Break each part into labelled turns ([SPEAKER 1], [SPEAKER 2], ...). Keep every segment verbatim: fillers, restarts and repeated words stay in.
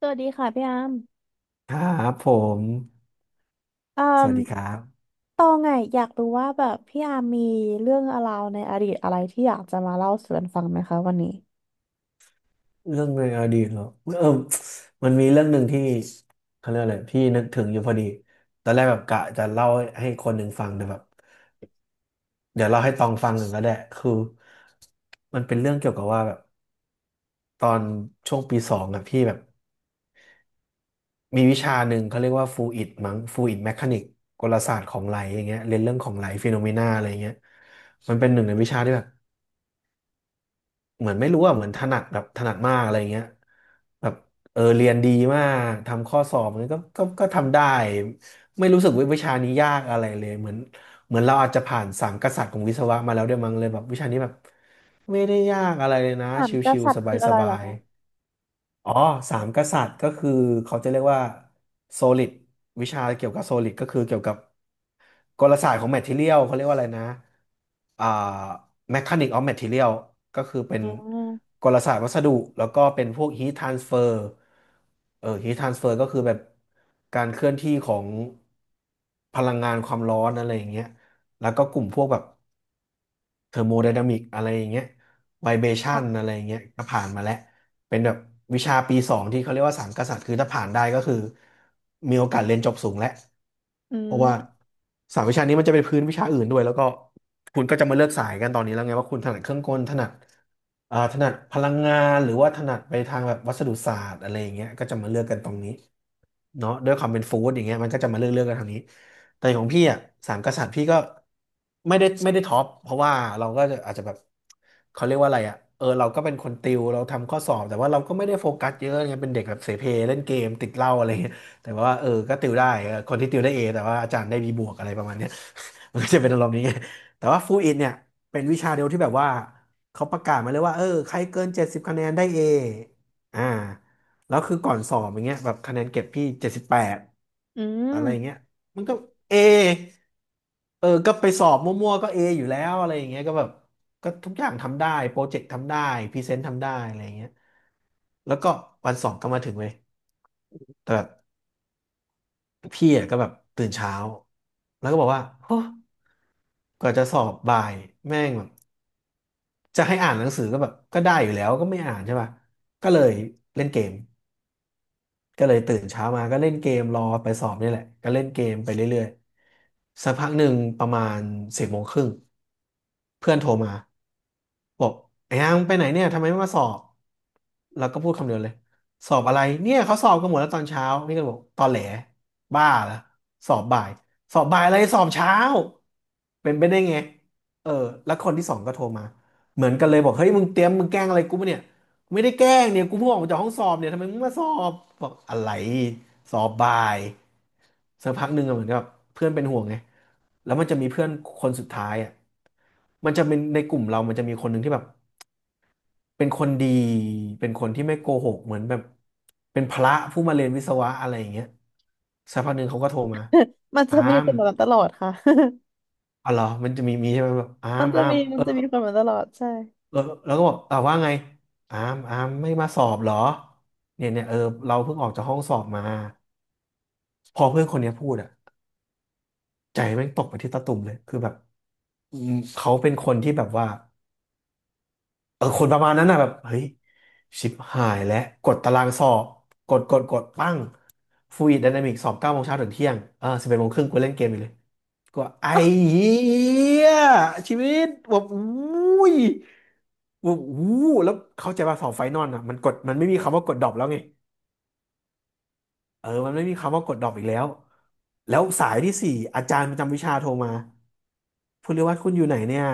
[SPEAKER 1] สวัสดีค่ะพี่อาร์ม
[SPEAKER 2] ครับผม
[SPEAKER 1] เอ่
[SPEAKER 2] ส
[SPEAKER 1] ม
[SPEAKER 2] วัสดีครับ
[SPEAKER 1] ตองไงอยากรู้ว่าแบบพี่อาร์มมีเรื่องราวในอดีตอะไรที่อยากจะมาเล่าสู่กันฟังไหมคะวันนี้
[SPEAKER 2] เรื่องในอดีตเหรอเออมันมีเรื่องหนึ่งที่เขาเรียกอะไรพี่นึกถึงอยู่พอดีตอนแรกแบบกะจะเล่าให้คนหนึ่งฟังแต่แบบ
[SPEAKER 1] อ
[SPEAKER 2] เดี๋ยวเล่าให้ตองฟังหนึ่งก็ได้คือมันเป็นเรื่องเกี่ยวกับว่าแบบตอนช่วงปีสองอะพี่แบบมีวิชาหนึ่งเขาเรียกว่าฟลูอิดมั้งฟลูอิดแมคานิกกลศาสตร์ของไหลอย่างเงี้ยเรียนเรื่องของไหลฟีโนเมนาอะไรอย่างเงี้ยมันเป็นหนึ่งในวิชาที่แบบ เหมือนไม่รู้อ่ะเหมือนถนัดแบบถนัดมากอะไรเงี้ยแบบเออเรียนดีมากทำข้อสอบมันก็ก็ก็ทำได้ไม่รู้สึกว่าวิชานี้ยากอะไรเลยเหมือนเหมือนเราอาจจะผ่านสามกษัตริย์ของวิศวะมาแล้วด้วยมั้งเลยแบบวิชานี้แบบไม่ได้ยากอะไรเลยนะ
[SPEAKER 1] สา
[SPEAKER 2] ช
[SPEAKER 1] มก
[SPEAKER 2] ิว
[SPEAKER 1] ษัต
[SPEAKER 2] ๆ
[SPEAKER 1] ริ
[SPEAKER 2] ส
[SPEAKER 1] ย์คืออะไรเห
[SPEAKER 2] บา
[SPEAKER 1] รอ
[SPEAKER 2] ย
[SPEAKER 1] คะ
[SPEAKER 2] อ๋อสามกษัตริย์ก็คือเขาจะเรียกว่าโซลิดวิชาเกี่ยวกับโซลิดก็คือเกี่ยวกับกลศาสตร์ของแมท e เทียลเขาเรียกว่าอะไรนะอ่าแมคานิกออฟแมท e เ i ียลก็คือเป็น
[SPEAKER 1] อืม
[SPEAKER 2] กลศาสตร์วัสดุแล้วก็เป็นพวกฮีททรานสเฟอร์เออฮีททรานสเฟอร์ก็คือแบบการเคลื่อนที่ของพลังงานความร้อนอะไรอย่างเงี้ยแล้วก็กลุ่มพวกแบบ เทอร์โมไดนามิกอะไรอย่างเงี้ยไวเบชัน
[SPEAKER 1] อ่ะ
[SPEAKER 2] อะไรอย่างเงี้ยก็ผ่านมาแล้วเป็นแบบวิชาปีสองที่เขาเรียกว่าสามกษัตริย์คือถ้าผ่านได้ก็คือมีโอกาสเรียนจบสูงแล้ว
[SPEAKER 1] อื
[SPEAKER 2] เพราะว่า
[SPEAKER 1] ม
[SPEAKER 2] สามวิชานี้มันจะเป็นพื้นวิชาอื่นด้วยแล้วก็คุณก็จะมาเลือกสายกันตอนนี้แล้วไงว่าคุณถนัดเครื่องกลถนัดเอ่อถนัดพลังงานหรือว่าถนัดไปทางแบบวัสดุศาสตร์อะไรอย่างเงี้ยก็จะมาเลือกกันตรงนี้เนาะด้วยความเป็นฟู้ดอย่างเงี้ยมันก็จะมาเลือกเลือกกันทางนี้ แต่ของพี่อ่ะสามกษัตริย์พี่ก็ไม่ได้ไม่ได้ท็อปเพราะว่าเราก็จะอาจจะแบบเขาเรียกว่าอะไรอ่ะเออเราก็เป็นคนติวเราทำข้อสอบแต่ว่าเราก็ไม่ได้โฟกัสเยอะไงเป็นเด็กแบบเสเพเล่นเกมติดเหล้าอะไรเงี้ยแต่ว่าเออก็ติวได้เออคนที่ติวได้เอแต่ว่าอาจารย์ได้บีบวกอะไรประมาณเนี้ย มันก็จะเป็นอารมณ์นี้ไงแต่ว่าฟูอิดเนี่ยเป็นวิชาเดียวที่แบบว่าเขาประกาศมาเลยว่าเออใครเกินเจ็ดสิบคะแนนได้เออ่าแล้วคือก่อนสอบอย่างเงี้ยแบบคะแนนเก็บพี่เจ็ดสิบแปด
[SPEAKER 1] อื
[SPEAKER 2] อะไรอย่าง
[SPEAKER 1] ม
[SPEAKER 2] เงี้ย มันก็เอเออก็ไปสอบมั่วๆก็เออยู่แล้วอะไรอย่างเงี้ยก็แบบก็ทุกอย่างทำได้โปรเจกต์ทำได้พรีเซนต์ทำได้อะไรอย่างเงี้ยแล้วก็วันสองก็มาถึงเลยแต่แบบพี่อ่ะก็แบบตื่นเช้า แล้วก็บอกว่าโอ้กว่าจะสอบบ่ายแม่งแบบจะให้อ่านหนังสือก็แบบก็ได้อยู่แล้วก็ไม่อ่านใช่ป่ะก็เลยเล่นเกม ก็เลยตื่นเช้ามาก็เล่นเกมรอไปสอบนี่แหละก็เล่นเกมไปเรื่อยๆ สักพักหนึ่งประมาณสิบโมงครึ่งเพื่อนโทรมาบอกไอ้ยังไปไหนเนี่ยทำไมไม่มาสอบแล้วก็พูดคำเดียวเลยสอบอะไรเนี่ยเขาสอบกันหมดแล้วตอนเช้านี่ก็บอกตอนแหลบ้าละสอบบ่ายสอบบ่ายอะไรสอบเช้าเป็นไปได้ไงเออแล้วคนที่สองก็โทรมาเหมือนกันเลยบอกเฮ้ยมึงเตรียมมึงแกล้งอะไรกูปะเนี่ย ไม่ได้แกล้งเนี่ยกูเพิ่งออกมาจากห้องสอบเนี่ยทำไมมึงมาสอบบอกอะไรสอบบ่ายสักพักหนึ่งอะเหมือนกับเพื่อนเป็นห่วงไงแล้วมันจะมีเพื่อนคนสุดท้ายอ่ะมันจะเป็นในกลุ่มเรามันจะมีคนหนึ่งที่แบบเป็นคนดีเป็นคนที่ไม่โกหกเหมือนแบบเป็นพระผู้มาเรียนวิศวะอะไรอย่างเงี้ยสักพักหนึ่งเขาก็โทรมา
[SPEAKER 1] มันจะ
[SPEAKER 2] อา
[SPEAKER 1] มีค
[SPEAKER 2] ม
[SPEAKER 1] นแบบนั้นตลอดค่ะ
[SPEAKER 2] อ๋อเหรอมันจะมีมีใช่ไหมแบบอา
[SPEAKER 1] มัน
[SPEAKER 2] ม
[SPEAKER 1] จะ
[SPEAKER 2] อาม
[SPEAKER 1] มีมั
[SPEAKER 2] เอ
[SPEAKER 1] น
[SPEAKER 2] อ
[SPEAKER 1] จะมีคนแบบนั้นตลอดใช่
[SPEAKER 2] แล้วแล้วก็บอกอ่าว่าไงอามอามไม่มาสอบเหรอเนี่ยเนี่ยเออเราเพิ่งออกจากห้องสอบมาพอเพื่อนคนเนี้ยพูดอ่ะใจแม่งตกไปที่ตะตุ่มเลยคือแบบอืมเขาเป็นคนที่แบบว่าเออคนประมาณนั้นน่ะแบบเฮ้ยชิบหายแล้วกดตารางสอบกดกดกดปั้งฟ l ูอิดไดนามิกสอบเก้าโมงเช้าถึงเที่ยงเออสิบเอ็ดโมงครึ่งกูเล่นเกมอยู่เลยก็ไอ้เหี้ยชีวิตแบบอุ้ย วูบวูบแล้วเข้าใจว่าเสาไฟนอนอ่ะมันกดมันไม่มีคำว่ากดดรอปแล้วไงเออมันไม่มีคำว่ากดดรอปอีกแล้วแล้วสายที่สี่อาจารย์ประจำวิชาโทรมาภุณิวัฒน์คุณอยู่ไหนเนี่ย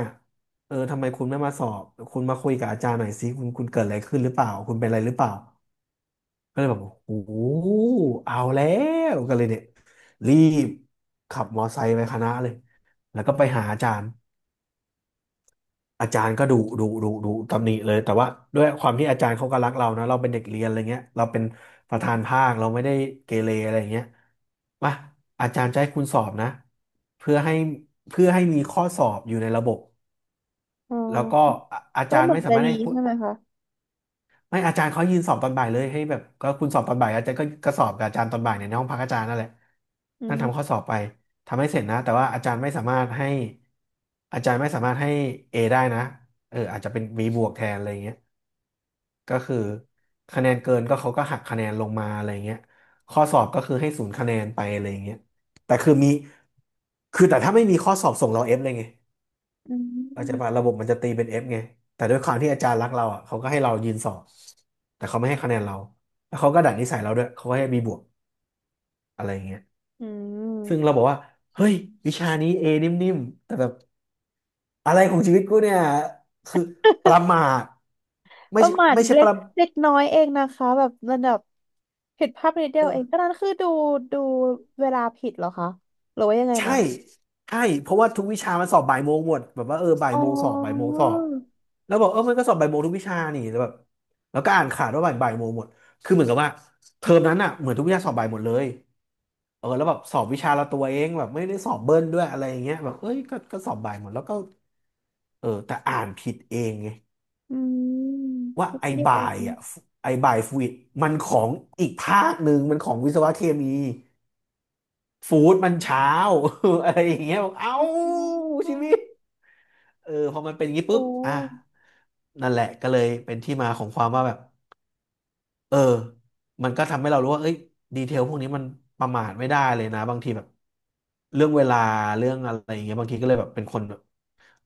[SPEAKER 2] เออทำไมคุณไม่มาสอบคุณมาคุยกับอาจารย์หน่อยสิคุณคุณเกิดอะไรขึ้นหรือเปล่าคุณเป็นอะไรหรือเปล่าก็เลยแบบโอ้โหเอาแล้วก็เลยเนี่ยรีบขับมอไซค์ไปคณะเลยแล้วก็ไปหาอาจารย์ อาจารย์ก็ดุดุดุดุตำหนิเลยแต่ว่าด้วยความที่อาจารย์เขาก็รักเรานะเราเป็นเด็กเรียนอะไรเงี้ยเราเป็นประธานภาคเราไม่ได้เกเรอะไรเงี้ยมาอาจารย์จะให้คุณสอบนะเพื่อให้เพื่อให้มีข้อสอบอยู่ในระบบ
[SPEAKER 1] อ๋อ
[SPEAKER 2] แล้วก็ อาอา
[SPEAKER 1] ก็
[SPEAKER 2] จาร
[SPEAKER 1] เห
[SPEAKER 2] ย์
[SPEAKER 1] มือ
[SPEAKER 2] ไม่
[SPEAKER 1] น
[SPEAKER 2] สา
[SPEAKER 1] จะ
[SPEAKER 2] มารถ
[SPEAKER 1] ดี
[SPEAKER 2] ให้คุณ
[SPEAKER 1] ใช่ไหมคะ
[SPEAKER 2] ไม่อาจารย์เขายืนสอบตอนบ่ายเลยให้แบบก็คุณสอบตอนบ่ายอาจารย์ก็ก็สอบกับอาจารย์ตอนบ่ายเนี่ยในห้องพักอาจารย์นั่นแหละ
[SPEAKER 1] อื
[SPEAKER 2] นั่งทำข้อ
[SPEAKER 1] ม
[SPEAKER 2] สอบไปทำให้เสร็จนะแต่ว่าอาจารย์ไม่สามารถให้อาจารย์ไม่สามารถให้เอได้นะเอออาจจะเป็น บี บวกแทนอะไรอย่างเงี้ยก็คือคะแนนเกินก็เขาก็หักคะแนนลงมาอะไรอย่างเงี้ยข้อสอบก็คือให้ศูนย์คะแนนไปอะไรอย่างเงี้ยแต่คือมีคือแต่ถ้าไม่มีข้อสอบส่งเราเอฟเลยไง
[SPEAKER 1] อื
[SPEAKER 2] เราจจะว่า
[SPEAKER 1] ม
[SPEAKER 2] ระบบมันจะตีเป็นเอฟไงแต่ด้วยความที่อาจารย์รักเราอ่ะเขาก็ให้เรายืนสอบแต่เขาไม่ให้คะแนนเราแล้วเขาก็ดัดนิสัยเราด้วยเขาก็ให้มีบวกอะไรอย่างเงี้ย
[SPEAKER 1] อื
[SPEAKER 2] ซึ่งเรา
[SPEAKER 1] ม
[SPEAKER 2] บอกว่าเฮ้ยวิชานี้เอนิ่มๆแต่แบบอะไรของชีวิตกูเนี่ยคือประมาท
[SPEAKER 1] ป
[SPEAKER 2] ไม่
[SPEAKER 1] ระ
[SPEAKER 2] ใช่
[SPEAKER 1] มาท
[SPEAKER 2] ไม่ใช่
[SPEAKER 1] เล็
[SPEAKER 2] ป
[SPEAKER 1] ก
[SPEAKER 2] ระ
[SPEAKER 1] เล็กน้อยเองนะคะแบบระดับผิดภาพนิดเดี
[SPEAKER 2] เอ
[SPEAKER 1] ยว
[SPEAKER 2] อ
[SPEAKER 1] เองก็นั้นคือดูดูเวลาผิดเหรอคะหรือว่ายังไง
[SPEAKER 2] ใช่
[SPEAKER 1] นะ
[SPEAKER 2] ใช่เพราะว่าทุกวิชามันสอบบ่ายโมงหมด แบบว่าเออบ่าย
[SPEAKER 1] อ๋
[SPEAKER 2] โมงสอบบ่ายโมง
[SPEAKER 1] อ
[SPEAKER 2] สอบแล้วบอกเออมันก็สอบบ่ายโมงทุกวิชานี่ แล้วแบบแล้วก็อ่านขาดว่าบ่ายบ่ายโมงหมด คือเหมือนกับว่าเทอมนั้นอ่ะเหมือนทุกวิชาสอบบ่ายหมดเลยเออแล้วแบบสอบวิชาละตัวเองแบบไม่ได้สอบเบิ้ลด้วยอะไรอย่างเงี้ยแบบเอ้ยก็ก็สอบบ่ายหมดแล้วก็เออแต่อ่านผิดเองไง
[SPEAKER 1] อืม
[SPEAKER 2] ว่า
[SPEAKER 1] นิด
[SPEAKER 2] ไอ้
[SPEAKER 1] เดียว
[SPEAKER 2] บ่า
[SPEAKER 1] เอ
[SPEAKER 2] ย
[SPEAKER 1] ง
[SPEAKER 2] อ่ะไอ้บ่ายฟูดมันของอีกภาคหนึ่งมันของวิศวะเคมีฟู้ดมันเช้า อะไรอย่างเงี้ยบอกเอ้า
[SPEAKER 1] อ๋อ
[SPEAKER 2] ชีวิต เออพอมันเป็นอย่างนี้ปุ๊บ
[SPEAKER 1] โอ้
[SPEAKER 2] อ่ะนั่นแหละก็เลยเป็นที่มาของความว่าแบบเออมันก็ทำให้เรารู้ว่าเอ้ยดีเทลพวกนี้มันประมาทไม่ได้เลยนะบางทีแบบเรื่องเวลาเรื่องอะไรอย่างเงี้ยบางทีก็เลยแบบเป็นคนแบบ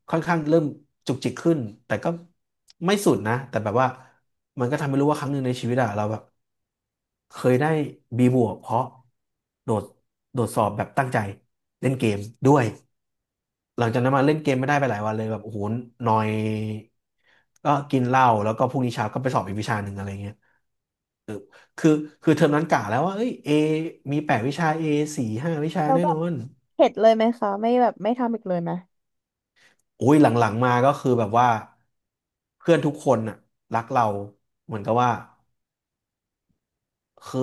[SPEAKER 2] ค่อนข้างเริ่มจุกจิกขึ้นแต่ก็ไม่สุดนะแต่แบบว่ามันก็ทำให้รู้ว่าครั้งหนึ่งในชีวิตอะเราแบบเคยได้บี บวกเพราะโดดโดดสอบแบบตั้งใจเล่นเกมด้วย หลังจากนั้นมาเล่นเกมไม่ได้ไปหลายวันเลยแบบโอ้โหนอยก็กินเหล้าแล้วก็พรุ่งนี้เช้าก็ไปสอบอีกวิชาหนึ่งอะไรเงี้ยคือคือเทอมนั้นกะแล้วว่าเอ้ยเอมีแปดวิชาเอสี่ห้าวิชา
[SPEAKER 1] แล้ว
[SPEAKER 2] แน่
[SPEAKER 1] แบ
[SPEAKER 2] น
[SPEAKER 1] บ
[SPEAKER 2] อน
[SPEAKER 1] เข็ดเลยไหมคะไม่แบบไม่ทำอีกเลยไหม
[SPEAKER 2] โอ้ยหลังๆมาก็คือแบบว่าเพื่อนทุกคนน่ะรักเราเหมือนกับว่า คือ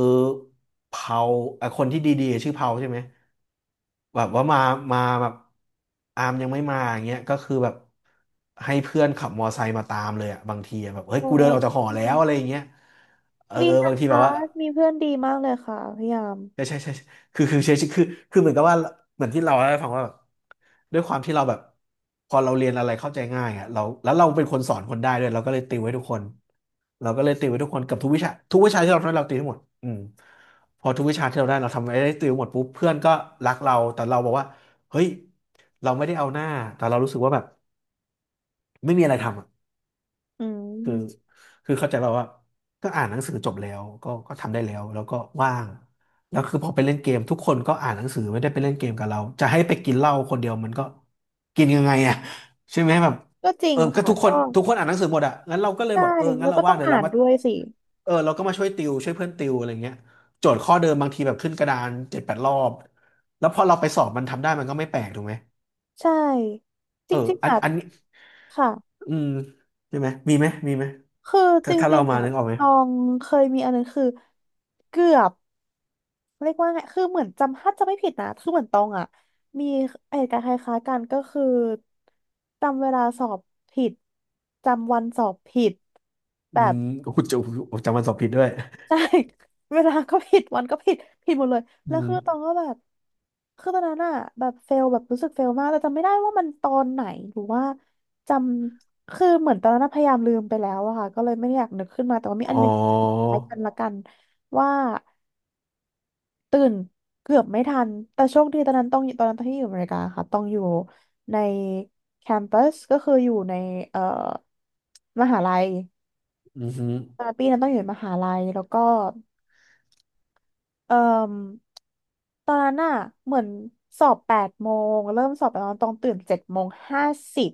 [SPEAKER 2] เผาไอ้คนที่ดีๆชื่อเผาใช่ไหมแบบว่ามามาแบบอามยังไม่มาอย่างเงี้ยก็คือแบบให้เพื่อนขับมอไซค์มาตามเลยอะบางทีอะแบบเฮ้ย
[SPEAKER 1] โอ
[SPEAKER 2] กูเดินออกจากห
[SPEAKER 1] ้
[SPEAKER 2] อแล้วอะไรอย่างเงี้ยเออ
[SPEAKER 1] ดี
[SPEAKER 2] เออ
[SPEAKER 1] นะ
[SPEAKER 2] บางทีแบ
[SPEAKER 1] คะ
[SPEAKER 2] บว่า
[SPEAKER 1] มีเพื่อนดีมากเลยค่ะพยายาม
[SPEAKER 2] ใช่ใช่ใช่คือคือใช่คือคือเหมือนกับว่าเหมือนที่เราเล่าให้ฟังว่าแบบด้วยความที่เราแบบพอเราเรียนอะไรเข้าใจง่ายอ่ะเราแล้วเราเป็นคนสอนคนได้ด้วยเราก็เลยติวให้ทุกคนเราก็เลยติวให้ทุกคนกับทุกวิชาทุกวิชาที่เราทำเราติวให้หมดอืมพอทุกวิชาที่เราได้เราทำไอ้ได้ติวหมดปุ๊บเพื่อนก็รักเราแต่เราบอกว่าเฮ้ยเราไม่ได้เอาหน้าแต่เรารู้สึกว่าแบบไม่มีอะไรทำอะ
[SPEAKER 1] อื
[SPEAKER 2] คือ
[SPEAKER 1] ม
[SPEAKER 2] คือเข้าใจแบบว่าก็อ่านหนังสือจบแล้วก็ก็ทำได้แล้วแล้วก็ว่างแล้วคือพอไปเล่นเกมทุกคนก็อ่านหนังสือไม่ได้ไปเล่นเกมกับเราจะให้ไปกินเหล้าคนเดียวมันก็กินยังไงอ่ะใช่ไหมแบบ
[SPEAKER 1] ก็จริง
[SPEAKER 2] เออก็
[SPEAKER 1] ค่ะ
[SPEAKER 2] ทุกคน
[SPEAKER 1] ก็
[SPEAKER 2] ทุกคนอ่านหนังสือหมดอ่ะงั้นเราก็เลย
[SPEAKER 1] ใช่
[SPEAKER 2] บอกเออ
[SPEAKER 1] แล้
[SPEAKER 2] งั้น
[SPEAKER 1] ว
[SPEAKER 2] เรา
[SPEAKER 1] ก็ต้
[SPEAKER 2] ว่า
[SPEAKER 1] อ
[SPEAKER 2] ง
[SPEAKER 1] ง
[SPEAKER 2] เดี๋ยว
[SPEAKER 1] อ่า
[SPEAKER 2] เรา
[SPEAKER 1] น
[SPEAKER 2] มา
[SPEAKER 1] ด้วยสิ
[SPEAKER 2] เออเราก็มาช่วยติวช่วยเพื่อนติวอะไรเงี้ยโจทย์ข้อเดิมบางทีแบบขึ้นกระดานเจ็ดแปดรอบแล้วพอเราไปสอบมันทำได้มันก็ไม่แปลกถูกไหม
[SPEAKER 1] ใช่จ
[SPEAKER 2] เออ
[SPEAKER 1] ริงๆ
[SPEAKER 2] อัน
[SPEAKER 1] อ่ะ
[SPEAKER 2] อันนี้
[SPEAKER 1] ค่ะ
[SPEAKER 2] อืมใช่ไหมมีไหมมีไหม
[SPEAKER 1] คือจ
[SPEAKER 2] ถ้าถ้า
[SPEAKER 1] ริ
[SPEAKER 2] เรา
[SPEAKER 1] งๆ
[SPEAKER 2] มา
[SPEAKER 1] อ่ะ
[SPEAKER 2] นึกออกไหม
[SPEAKER 1] ตองเคยมีอันนึงคือเกือบเรียกว่าไง คือเหมือนจำถ้าจำไม่ผิดนะคือเหมือนตองอ่ะมีเหตุการณ์คล้ายๆกันก็คือจำเวลาสอบผิดจำวันสอบผิดแบ
[SPEAKER 2] อื
[SPEAKER 1] บ
[SPEAKER 2] ม โอ้โหจำจำวันสอบผิดด้วย
[SPEAKER 1] ใช่ เวลาก็ผิดวันก็ผิดผิดหมดเลย
[SPEAKER 2] อื
[SPEAKER 1] แล้ว
[SPEAKER 2] ม
[SPEAKER 1] คือตองก็แบบคือตอนนั้นอะแบบเฟลแบบรู้สึกเฟลมากแต่จำไม่ได้ว่ามันตอนไหนหรือว่าจำคือเหมือนตอนนั้นอะพยายามลืมไปแล้วอะค่ะก็เลยไม่ได้อยากนึกขึ้นมาแต่ว่ามีอั
[SPEAKER 2] อ๋
[SPEAKER 1] น
[SPEAKER 2] อ
[SPEAKER 1] หนึงคล้ายกันละกันว่าตื่นเกือบไม่ทันแต่โชคดีตอนนั้นต้องตอนนั้นตอนที่อยู่อเมริกาค่ะต้องอยู่ในแคมปัสก็คืออยู่ในเอ่อมหาลัย
[SPEAKER 2] อืมฮึ
[SPEAKER 1] ตอนปีนั้นต้องอยู่ในมหาลัยแล้วก็ เอ่มตอนนั้นอะเหมือนสอบแปดโมงเริ่มสอบตอนต้องตื่นเจ็ดโมงห้าสิบ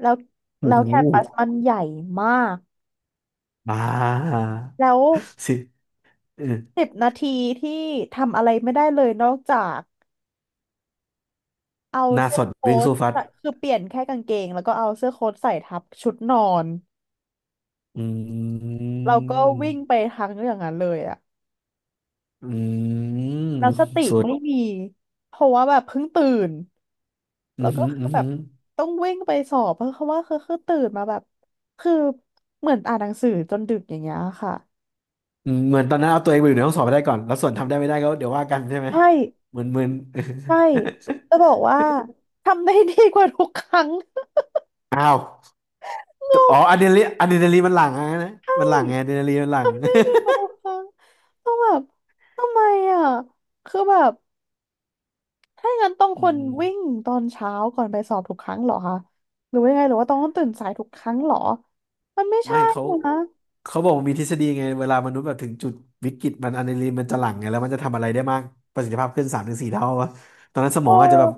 [SPEAKER 1] แล้ว
[SPEAKER 2] โอ้
[SPEAKER 1] แล้ว
[SPEAKER 2] โห
[SPEAKER 1] แคมปัสมันใหญ่มาก
[SPEAKER 2] บ้า
[SPEAKER 1] แล้ว
[SPEAKER 2] สิเออ
[SPEAKER 1] สิบนาทีที่ทำอะไรไม่ได้เลยนอกจากเอา
[SPEAKER 2] หน้า
[SPEAKER 1] เสื้
[SPEAKER 2] ส
[SPEAKER 1] อ
[SPEAKER 2] ด
[SPEAKER 1] โค้
[SPEAKER 2] วิ่ง
[SPEAKER 1] ท
[SPEAKER 2] สู้ฟัด
[SPEAKER 1] ใส่คือเปลี่ยนแค่กางเกงแล้วก็เอาเสื้อโค้ทใส่ทับชุดนอน
[SPEAKER 2] อืม
[SPEAKER 1] เราก็วิ่งไปทางอย่างนั้นเลยอะ
[SPEAKER 2] อืม
[SPEAKER 1] แล้วสติ
[SPEAKER 2] สุด
[SPEAKER 1] ไม่มีเพราะว่าแบบเพิ่งตื่น
[SPEAKER 2] อื
[SPEAKER 1] แล้ว
[SPEAKER 2] ม
[SPEAKER 1] ก็
[SPEAKER 2] ฮึ
[SPEAKER 1] คือ
[SPEAKER 2] อืม
[SPEAKER 1] แบ
[SPEAKER 2] ฮึ
[SPEAKER 1] บต้องวิ่งไปสอบเพราะเขาว่าคือคือตื่นมาแบบคือเหมือนอ่านหนังสือจนดึกอย่างเงี้ยค่ะ
[SPEAKER 2] อืมเหมือนตอนนั้นเอาตัวเองไปอยู่ในห้องสอบไปได้ก่อนแล้วส่วนทำได้ไม่ได้ก็เดี๋ยวว่ากันใช่ไหม
[SPEAKER 1] ใช่
[SPEAKER 2] เหมือนเหมือน
[SPEAKER 1] ใช่จะบอกว่าทำได้ดีกว่าทุกครั้ง
[SPEAKER 2] อ้าว
[SPEAKER 1] ง
[SPEAKER 2] แต่อ๋อ
[SPEAKER 1] ง
[SPEAKER 2] อะดรีนาลีนอะดรีนาลีนมันหลั่งอะนะ
[SPEAKER 1] ใช่
[SPEAKER 2] มันหลั่งไงอะดรีนาลีนมันหลั่ง
[SPEAKER 1] ดีกว่าทุกครั้งต้องแบบทำไมอ่ะคือแบบถ้างั้นต้อง
[SPEAKER 2] อื
[SPEAKER 1] คน
[SPEAKER 2] ม
[SPEAKER 1] วิ่งตอนเช้าก่อนไปสอบทุกครั้งเหรอคะหรือว่ายังไงหรือว่าต้องตื่นสายทุกครั้งเหรอมันไม่
[SPEAKER 2] ไม่
[SPEAKER 1] ใช่
[SPEAKER 2] เขา
[SPEAKER 1] นะ
[SPEAKER 2] เขาบอกว่ามีทฤษฎีไงเวลามนุษย์แบบถึงจุดวิกฤตมันอะดรีนาลีนมันจะหลั่งไงแล้วมันจะทำอะไรได้มากประสิทธิภาพขึ้นสามถึงสี่เท่าวะตอนนั้นสม
[SPEAKER 1] เอ
[SPEAKER 2] องอาจจะ
[SPEAKER 1] อ
[SPEAKER 2] แบบ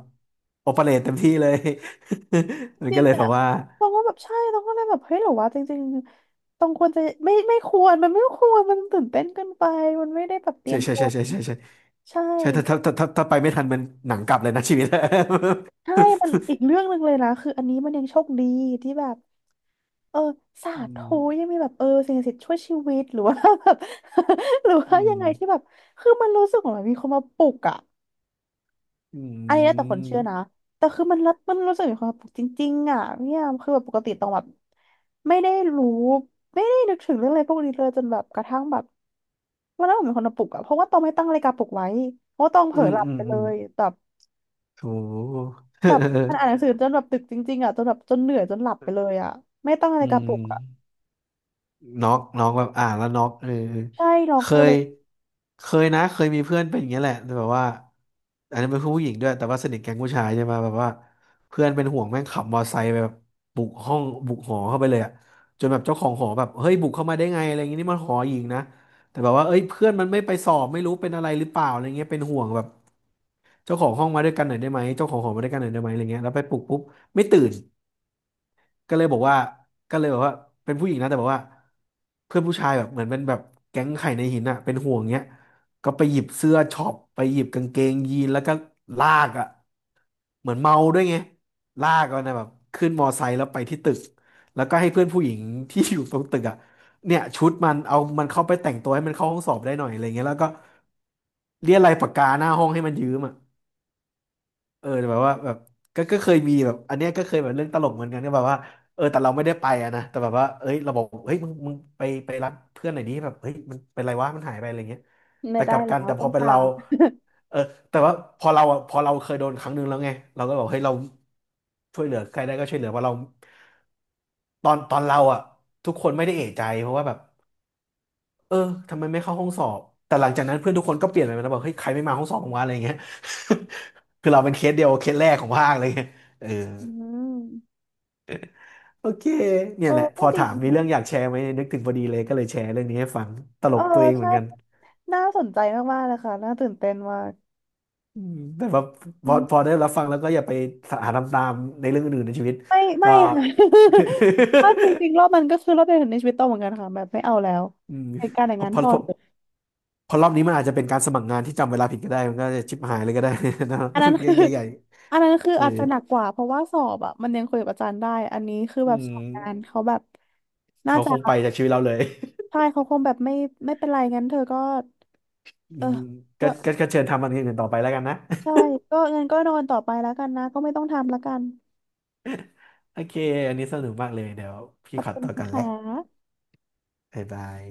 [SPEAKER 2] โอเปเรตเต็มที่เลย มัน
[SPEAKER 1] จริ
[SPEAKER 2] ก็
[SPEAKER 1] ง
[SPEAKER 2] เลยแบ
[SPEAKER 1] อะ
[SPEAKER 2] บว่า
[SPEAKER 1] ต้องว็แบบใช่ต้องก็เลยแบบเฮ้ยหรือว่าจริงๆตองควรจะไม่ไม่ควรมันไม่ควรมันตื่นเต้นเกินไปมันไม่ได้แบบเตรี
[SPEAKER 2] ใช่
[SPEAKER 1] ยม
[SPEAKER 2] ใช่
[SPEAKER 1] ตัว
[SPEAKER 2] ใช่ใช่ใช่ใช่
[SPEAKER 1] ใช
[SPEAKER 2] ใช่ถ้าถ้า
[SPEAKER 1] ่
[SPEAKER 2] ถ้าถ้าถ้าไปไม่ทันมันหนังกลับเลยนะ ชีวิต
[SPEAKER 1] ใช่มันอีกเรื่องหนึ่งเลยนะคืออันนี้มันยังโชคดีที่แบบเออสา
[SPEAKER 2] อืม
[SPEAKER 1] ธุยังมีแบบเออสิ่งศักดิ์สิทธิ์ช่วยชีวิตหรือว่าแบบ หรือ
[SPEAKER 2] อื
[SPEAKER 1] ว่ายังไงที่แบ
[SPEAKER 2] ม
[SPEAKER 1] บคือมันรู้สึกเหมือนมีคนมาปลุกอะ
[SPEAKER 2] อื
[SPEAKER 1] อันนี้แล้วแต่คนเชื่อนะ
[SPEAKER 2] ม
[SPEAKER 1] แต่คือมันรับมันรู้สึกมีความสุขจริงๆอ่ะเนี่ยคือแบบปกติต้องแบบไม่ได้รู้ไม่ได้นึกถึงเรื่องอะไรพวกนี้เลยจนแบบกระทั่งแบบวันนั้นผมเป็นคนมาปลุกอ่ะเพราะว่าต้องไม่ตั้งนาฬิกาปลุกไว้เพราะว่าต้องเผ
[SPEAKER 2] อื
[SPEAKER 1] ลอ
[SPEAKER 2] ม
[SPEAKER 1] หลับ
[SPEAKER 2] อืม
[SPEAKER 1] ไปเล
[SPEAKER 2] อืม
[SPEAKER 1] ยแบบ
[SPEAKER 2] โถ
[SPEAKER 1] แบบมัน อ่านหนังสือจนแบบดึกจริงๆอ่ะจนแบบจนเหนื่อยจนหลับไปเลยอ่ะไม่ตั้งนา
[SPEAKER 2] อื
[SPEAKER 1] ฬิกาป
[SPEAKER 2] ม
[SPEAKER 1] ลุกอ่ะ
[SPEAKER 2] น็อกน็อกแบบอ่านแล้วน็อกเออ
[SPEAKER 1] ใช่ล็อ
[SPEAKER 2] เค
[SPEAKER 1] กไปเล
[SPEAKER 2] ย
[SPEAKER 1] ย
[SPEAKER 2] เคยนะเคยมีเพื่อนเป็นอย่างเงี้ยแหละแต่แบบว่าอันนี้เป็นผู้หญิงด้วยแต่ว่าสนิทแก๊งผู้ชายใช่ไหมแบบว่าเพื่อนเป็นห่วงแม่งขับมอไซค์ไปแบบบุกห้องบุกหอเข้าไปเลยอะจนแบบเจ้าของหอแบบเฮ้ยบุกเข้ามาได้ไงอะไรอย่างงี้นี่มันหอหญิงนะแต่แบบว่าเอ้ยเพื่อนมันไม่ไปสอบไม่รู้เป็นอะไรหรือเปล่าอะไรเงี้ยเป็นห่วงแบบเจ้าของห้องมาด้วยกันหน่อยได้ไหมเจ้าของหอมาด้วยกันหน่อยได้ไหมอะไรเงี้ยแล้วไปปลุกปุ๊บไม่ตื่น ก็เลยบอกว่าก็เลยบอกว่าเป็นผู้หญิงนะแต่บอกว่าเพื่อนผู้ชายแบบเหมือนเป็นแบบแก๊งไข่ในหินอะเป็นห่วงเงี้ยก็ไปหยิบเสื้อช็อปไปหยิบกางเกงยีนแล้วก็ลากอะเหมือนเมาด้วยไงลากกันนะแบบขึ้นมอไซค์แล้วไปที่ตึกแล้วก็ให้เพื่อนผู้หญิงที่อยู่ตรงตึกอะเนี่ยชุดมันเอามันเข้าไปแต่งตัวให้มันเข้าห้องสอบได้หน่อยอะไรเงี้ยแล้วก็เรียกอะไรปากกาหน้าห้องให้มันยืมอะ เออแต่แบบว่าแบบก็ก็เคยมีแบบอันเนี้ยก็เคยแบบเรื่องตลกเหมือนกันก็แบบว่าเออแต่เราไม่ได้ไปอะนะแต่แบบว่าเอ้ยเราบอกเฮ้ยมึงมึงไปไปรับเพื่อนหน่อยนี้แบบเฮ้ยมันเป็นไรวะมันหายไปอะไรเงี้ย
[SPEAKER 1] ไม่
[SPEAKER 2] แต่ก
[SPEAKER 1] ได้
[SPEAKER 2] ลับ
[SPEAKER 1] แล้
[SPEAKER 2] กัน
[SPEAKER 1] ว
[SPEAKER 2] แต่พ
[SPEAKER 1] ต้อ
[SPEAKER 2] อ
[SPEAKER 1] ง
[SPEAKER 2] เป็น
[SPEAKER 1] ตา
[SPEAKER 2] เรา
[SPEAKER 1] ม
[SPEAKER 2] เออแต่ว่าพอเราอะพอเราเคยโดนครั้งหนึ่งแล้วไงเราก็บอกเฮ้ยเราช่วยเหลือใครได้ก็ช่วยเหลือว่าะเราตอนตอนเราอ่ะทุกคนไม่ได้เอะใจเพราะว่าแบบ เออทำไมไม่เข้าห้องสอบแต่หลังจากนั้นเพื่อนทุกคนก็เปลี่ยนไปแล้วบอกเฮ้ยใครไม่มาห้องสอบของว่าอะไรอย่างเงี้ย คือเราเป็นเคสเดียวเคสแรกของภาคเลยเออ
[SPEAKER 1] อืม
[SPEAKER 2] โอเคเนี่
[SPEAKER 1] เอ
[SPEAKER 2] ย
[SPEAKER 1] อ
[SPEAKER 2] แหละพ
[SPEAKER 1] ก็
[SPEAKER 2] อ
[SPEAKER 1] ดี
[SPEAKER 2] ถามมีเรื่องอ
[SPEAKER 1] ค่ะ
[SPEAKER 2] ยากแชร์ไหมนึกถึงพอดีเลยก็เลยแชร์เรื่องนี้ให้ฟังตล
[SPEAKER 1] เออ
[SPEAKER 2] กตัวเองเหมื
[SPEAKER 1] ใช่
[SPEAKER 2] อนกัน
[SPEAKER 1] น่าสนใจมากๆเลยค่ะน่าตื่นเต้นมาก
[SPEAKER 2] อืมแต่ว่าพอพอได้รับฟังแล้วก็อย่าไปหาทำตามในเรื่องอื่นในชีวิต
[SPEAKER 1] ไม่ไม่
[SPEAKER 2] ก็
[SPEAKER 1] ค่ะ เพราะจริงๆรอบมันก็คือรอบเดียวในชีวิตโตเหมือนกันค่ะแบบไม่เอาแล้ว
[SPEAKER 2] อืม
[SPEAKER 1] เหตุการณ์อย่าง
[SPEAKER 2] พอ
[SPEAKER 1] นั้น
[SPEAKER 2] พอ
[SPEAKER 1] พอ
[SPEAKER 2] พอ
[SPEAKER 1] เถอะ
[SPEAKER 2] พอรอบนี้มันอาจจะเป็นการสมัครงานที่จำเวลาผิดก็ได้มันก็จะชิบหายเลยก็ได้นะ
[SPEAKER 1] อันนั้น
[SPEAKER 2] ให
[SPEAKER 1] คือ
[SPEAKER 2] ญ่ใหญ่
[SPEAKER 1] อันนั้นคือ
[SPEAKER 2] ๆเออ
[SPEAKER 1] อาจจะหนักกว่าเพราะว่าสอบอ่ะมันยังคุยกับอาจารย์ได้อันนี้คือ
[SPEAKER 2] อื
[SPEAKER 1] แบบสอบ
[SPEAKER 2] ม
[SPEAKER 1] งานเขาแบบน่า
[SPEAKER 2] เขา
[SPEAKER 1] จะ
[SPEAKER 2] คงไปจากชีวิตเราเลย
[SPEAKER 1] ใช่เขาคงแบบไม่ไม่เป็นไรงั้นเธอก็
[SPEAKER 2] อื
[SPEAKER 1] เออ
[SPEAKER 2] ม
[SPEAKER 1] ก็
[SPEAKER 2] ก็ก็ก็เชิญทำอันอื่นต่อไปแล้วกันนะ
[SPEAKER 1] ใช่ก็งั้นก็นอนต่อไปแล้วกันนะก็ไม่ต้องทำแล้วกัน
[SPEAKER 2] โอเค อันนี้สนุกมากเลย เดี๋ยว
[SPEAKER 1] ข
[SPEAKER 2] พี่
[SPEAKER 1] อบ
[SPEAKER 2] ขอ
[SPEAKER 1] คุณ
[SPEAKER 2] ตัว
[SPEAKER 1] นะ
[SPEAKER 2] กั
[SPEAKER 1] ค
[SPEAKER 2] นแหละ
[SPEAKER 1] ะ
[SPEAKER 2] บ๊ายบาย